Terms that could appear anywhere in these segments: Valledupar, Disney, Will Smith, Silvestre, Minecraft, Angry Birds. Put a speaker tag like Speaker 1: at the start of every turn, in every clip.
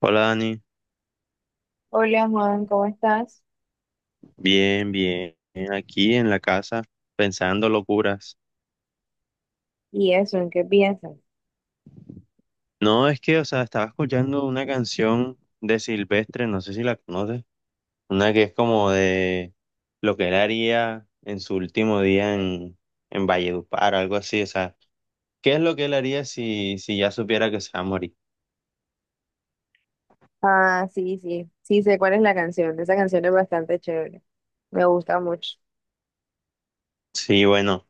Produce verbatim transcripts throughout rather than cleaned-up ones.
Speaker 1: Hola Dani,
Speaker 2: Hola Juan, ¿cómo estás?
Speaker 1: bien, bien, aquí en la casa pensando locuras.
Speaker 2: ¿Y eso, en qué piensas?
Speaker 1: No, es que, o sea, estaba escuchando una canción de Silvestre, no sé si la conoces, una que es como de lo que él haría en su último día en, en Valledupar, algo así, o sea, ¿qué es lo que él haría si, si ya supiera que se va a morir?
Speaker 2: Ah, sí, sí, sí sé cuál es la canción. Esa canción es bastante chévere. Me gusta mucho.
Speaker 1: Sí, bueno,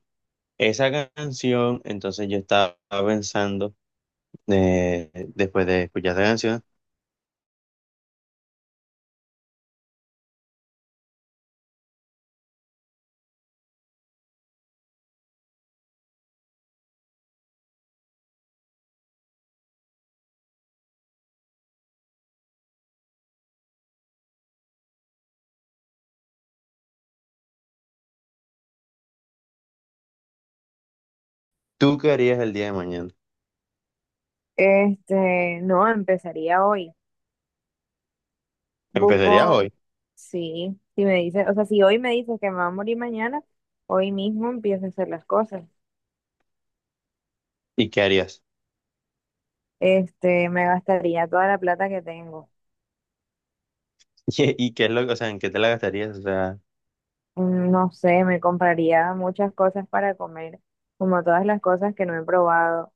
Speaker 1: esa canción, entonces yo estaba pensando, eh, después de escuchar esa canción, ¿tú qué harías el día de mañana?
Speaker 2: Este, no, empezaría hoy.
Speaker 1: ¿Empezarías
Speaker 2: Busco,
Speaker 1: hoy?
Speaker 2: sí, si me dices, o sea, si hoy me dices que me va a morir mañana, hoy mismo empiezo a hacer las cosas.
Speaker 1: ¿Y qué harías?
Speaker 2: Este, me gastaría toda la plata que tengo.
Speaker 1: ¿Y, y qué es lo, o sea, en qué te la gastarías? O sea,
Speaker 2: Mm, No sé, me compraría muchas cosas para comer, como todas las cosas que no he probado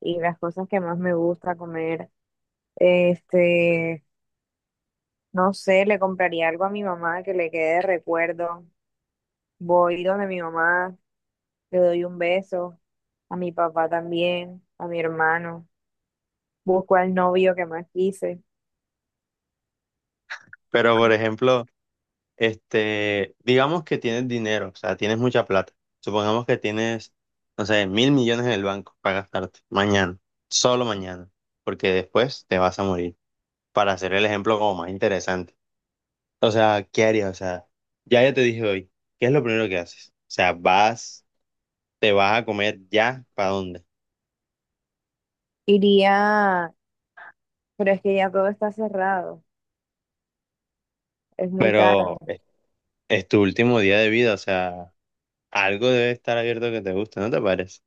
Speaker 2: y las cosas que más me gusta comer. Este, no sé, le compraría algo a mi mamá que le quede de recuerdo. Voy donde mi mamá, le doy un beso, a mi papá también, a mi hermano. Busco al novio que más quise.
Speaker 1: pero por ejemplo, este, digamos que tienes dinero, o sea, tienes mucha plata. Supongamos que tienes, no sé, mil millones en el banco para gastarte mañana, solo mañana, porque después te vas a morir. Para hacer el ejemplo como más interesante. O sea, ¿qué harías? O sea, ya ya te dije hoy, ¿qué es lo primero que haces? O sea, vas, te vas a comer ya, ¿para dónde?
Speaker 2: Iría, pero es que ya todo está cerrado, es muy tarde.
Speaker 1: Pero es es tu último día de vida, o sea. Algo debe estar abierto que te guste, ¿no te parece?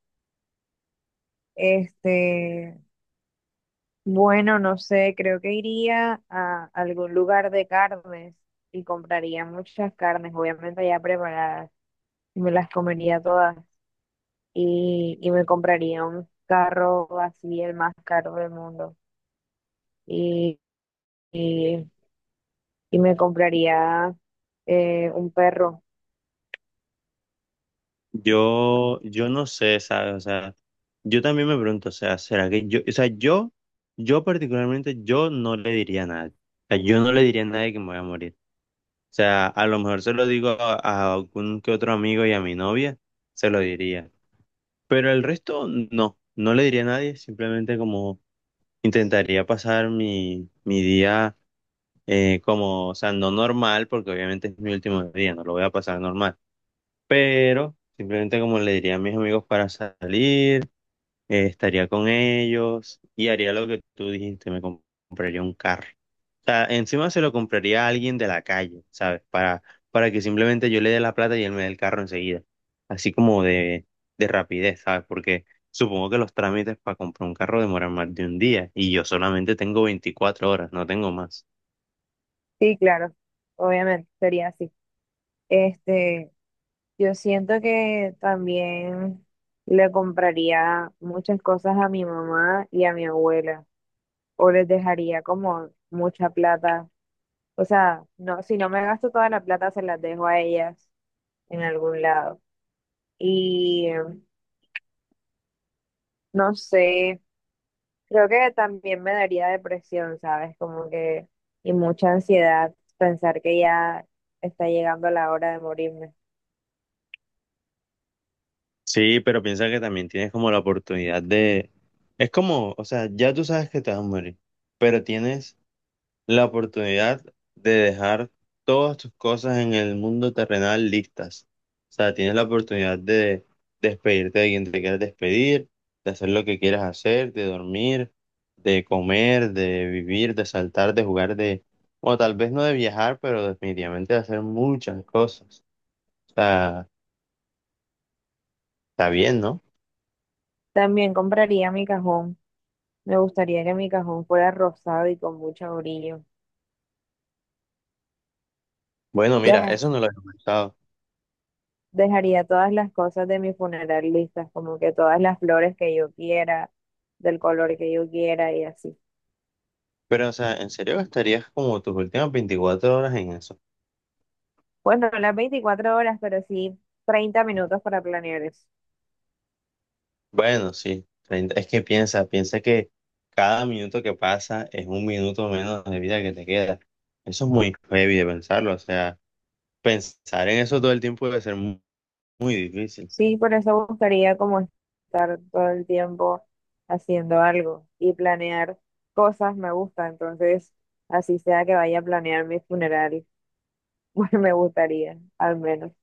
Speaker 2: Este, bueno, no sé, creo que iría a algún lugar de carnes y compraría muchas carnes, obviamente ya preparadas, y me las comería todas. y, y me compraría un carro así, el más caro del mundo. Y, y, y me compraría eh, un perro.
Speaker 1: Yo, yo no sé, ¿sabes? O sea, yo también me pregunto, o sea, ¿será que yo, o sea, yo, yo particularmente, yo no le diría a nadie. O sea, yo no le diría a nadie que me voy a morir. O sea, a lo mejor se lo digo a, a algún que otro amigo y a mi novia, se lo diría. Pero el resto, no, no le diría a nadie, simplemente como intentaría pasar mi, mi día eh, como, o sea, no normal, porque obviamente es mi último día, no lo voy a pasar normal pero simplemente como le diría a mis amigos para salir, eh, estaría con ellos y haría lo que tú dijiste, me comp- compraría un carro. O sea, encima se lo compraría a alguien de la calle, ¿sabes? Para, para que simplemente yo le dé la plata y él me dé el carro enseguida. Así como de, de rapidez, ¿sabes? Porque supongo que los trámites para comprar un carro demoran más de un día y yo solamente tengo veinticuatro horas, no tengo más.
Speaker 2: Sí, claro, obviamente, sería así. Este, yo siento que también le compraría muchas cosas a mi mamá y a mi abuela, o les dejaría como mucha plata. O sea, no, si no me gasto toda la plata, se las dejo a ellas en algún lado. Y eh, no sé, creo que también me daría depresión, ¿sabes? Como que, y mucha ansiedad pensar que ya está llegando la hora de morirme.
Speaker 1: Sí, pero piensa que también tienes como la oportunidad de... Es como, o sea, ya tú sabes que te vas a morir, pero tienes la oportunidad de dejar todas tus cosas en el mundo terrenal listas. O sea, tienes la oportunidad de despedirte de quien te quieras despedir, de hacer lo que quieras hacer, de dormir, de comer, de vivir, de saltar, de jugar, de... O tal vez no de viajar, pero definitivamente de hacer muchas cosas. O sea, está bien, ¿no?
Speaker 2: También compraría mi cajón. Me gustaría que mi cajón fuera rosado y con mucho brillo.
Speaker 1: Bueno, mira,
Speaker 2: Deja-
Speaker 1: eso no lo había pensado.
Speaker 2: Dejaría todas las cosas de mi funeral listas, como que todas las flores que yo quiera, del color que yo quiera y así.
Speaker 1: Pero, o sea, ¿en serio gastarías como tus últimas veinticuatro horas en eso?
Speaker 2: Bueno, no las veinticuatro horas, pero sí treinta minutos para planear eso.
Speaker 1: Bueno, sí, treinta es que piensa, piensa que cada minuto que pasa es un minuto menos de vida que te queda. Eso es muy heavy de pensarlo, o sea, pensar en eso todo el tiempo debe ser mu- muy difícil.
Speaker 2: Sí, por eso buscaría como estar todo el tiempo haciendo algo y planear cosas me gusta, entonces así sea que vaya a planear mi funeral, pues me gustaría, al menos.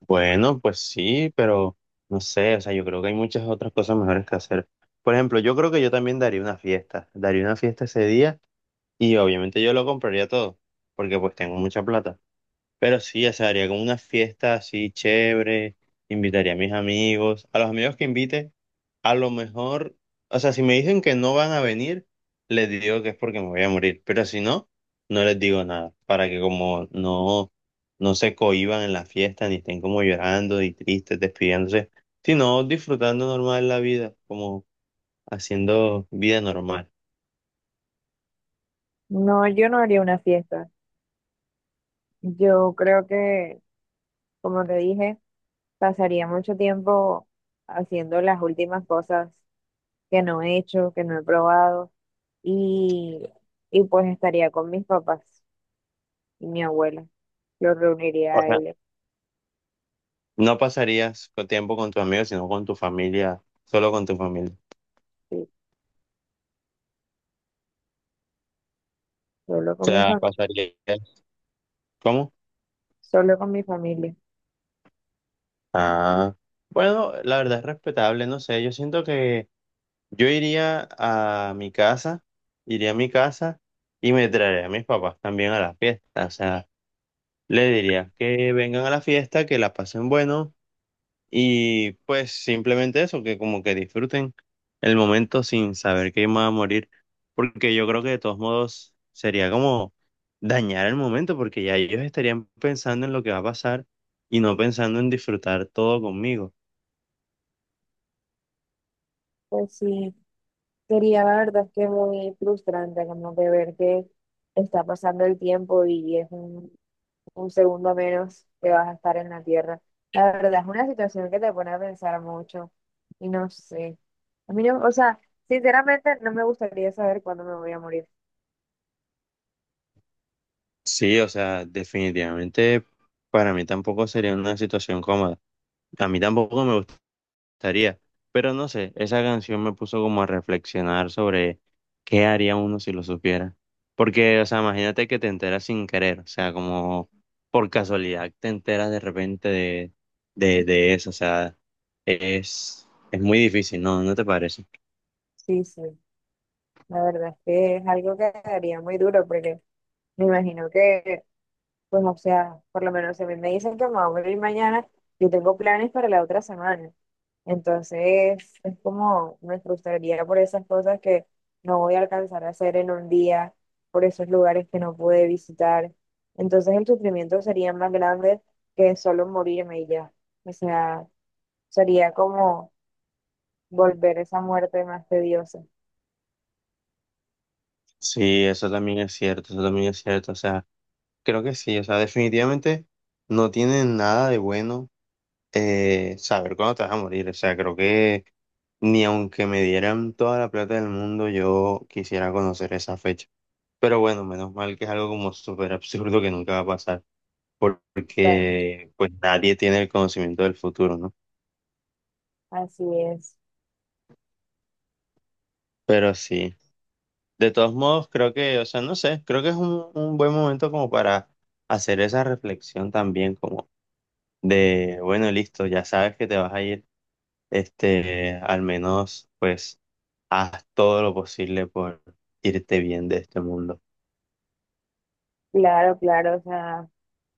Speaker 1: Bueno, pues sí, pero no sé, o sea, yo creo que hay muchas otras cosas mejores que hacer. Por ejemplo, yo creo que yo también daría una fiesta, daría una fiesta ese día y obviamente yo lo compraría todo, porque pues tengo mucha plata. Pero sí, o sea, haría como una fiesta así chévere, invitaría a mis amigos, a los amigos que invite, a lo mejor, o sea, si me dicen que no van a venir, les digo que es porque me voy a morir, pero si no, no les digo nada, para que como no, no se cohíban en la fiesta, ni estén como llorando y tristes, despidiéndose, sino disfrutando normal la vida, como haciendo vida normal.
Speaker 2: No, yo no haría una fiesta. Yo creo que, como te dije, pasaría mucho tiempo haciendo las últimas cosas que no he hecho, que no he probado y, y pues estaría con mis papás y mi abuela. Los reuniría
Speaker 1: O
Speaker 2: a
Speaker 1: sea,
Speaker 2: ellos.
Speaker 1: no pasarías tiempo con tus amigos, sino con tu familia, solo con tu familia.
Speaker 2: Sí. Solo con mi
Speaker 1: Sea,
Speaker 2: familia,
Speaker 1: pasaría. ¿Cómo?
Speaker 2: solo con mi familia.
Speaker 1: Ah, bueno, la verdad es respetable, no sé. Yo siento que yo iría a mi casa, iría a mi casa y me traería a mis papás también a la fiesta. O sea, le diría que vengan a la fiesta, que la pasen bueno. Y pues simplemente eso, que como que disfruten el momento sin saber que van a morir, porque yo creo que de todos modos sería como dañar el momento, porque ya ellos estarían pensando en lo que va a pasar y no pensando en disfrutar todo conmigo.
Speaker 2: Pues sí, sería la verdad es que muy frustrante como de ver que está pasando el tiempo y es un, un segundo menos que vas a estar en la tierra. La verdad es una situación que te pone a pensar mucho y no sé. A mí no, o sea, sinceramente no me gustaría saber cuándo me voy a morir.
Speaker 1: Sí, o sea, definitivamente para mí tampoco sería una situación cómoda. A mí tampoco me estaría. Pero no sé, esa canción me puso como a reflexionar sobre qué haría uno si lo supiera. Porque, o sea, imagínate que te enteras sin querer, o sea, como por casualidad te enteras de repente de, de, de eso, o sea, es, es muy difícil, ¿no? ¿No te parece?
Speaker 2: Sí, sí, la verdad es que es algo que daría muy duro porque me imagino que pues, o sea, por lo menos si a mí me dicen que me voy a ir mañana, yo tengo planes para la otra semana. Entonces, es como me frustraría por esas cosas que no voy a alcanzar a hacer en un día, por esos lugares que no pude visitar. Entonces, el sufrimiento sería más grande que solo morirme y ya. O sea, sería como volver esa muerte más tediosa.
Speaker 1: Sí, eso también es cierto, eso también es cierto, o sea, creo que sí, o sea, definitivamente no tiene nada de bueno eh, saber cuándo te vas a morir. O sea, creo que ni aunque me dieran toda la plata del mundo, yo quisiera conocer esa fecha. Pero bueno, menos mal que es algo como súper absurdo que nunca va a pasar,
Speaker 2: Total,
Speaker 1: porque pues nadie tiene el conocimiento del futuro, ¿no?
Speaker 2: así es.
Speaker 1: Pero sí, de todos modos, creo que, o sea, no sé, creo que es un, un buen momento como para hacer esa reflexión también, como de, bueno, listo, ya sabes que te vas a ir, este, al menos, pues haz todo lo posible por irte bien de este mundo.
Speaker 2: Claro, claro. O sea,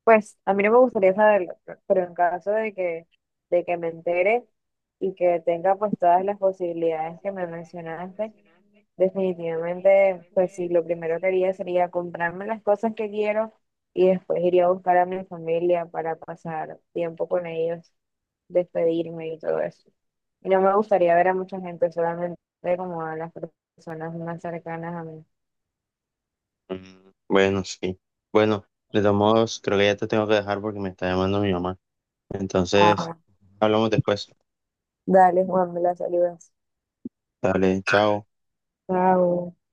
Speaker 2: pues a mí no me gustaría saberlo, pe- pero en caso de que, de que me entere y que tenga pues todas las posibilidades que me mencionaste, definitivamente pues sí, lo primero que haría sería comprarme las cosas que quiero y después iría a buscar a mi familia para pasar tiempo con ellos, despedirme y todo eso. Y no me gustaría ver a mucha gente, solamente como a las personas más cercanas a mí.
Speaker 1: Mm, bueno, sí. Bueno, de todos modos, creo que ya te tengo que dejar porque me está llamando mi mamá. Entonces,
Speaker 2: Ah,
Speaker 1: hablamos después.
Speaker 2: dale, Juan, me la saludas.
Speaker 1: Dale, chao.
Speaker 2: Chao.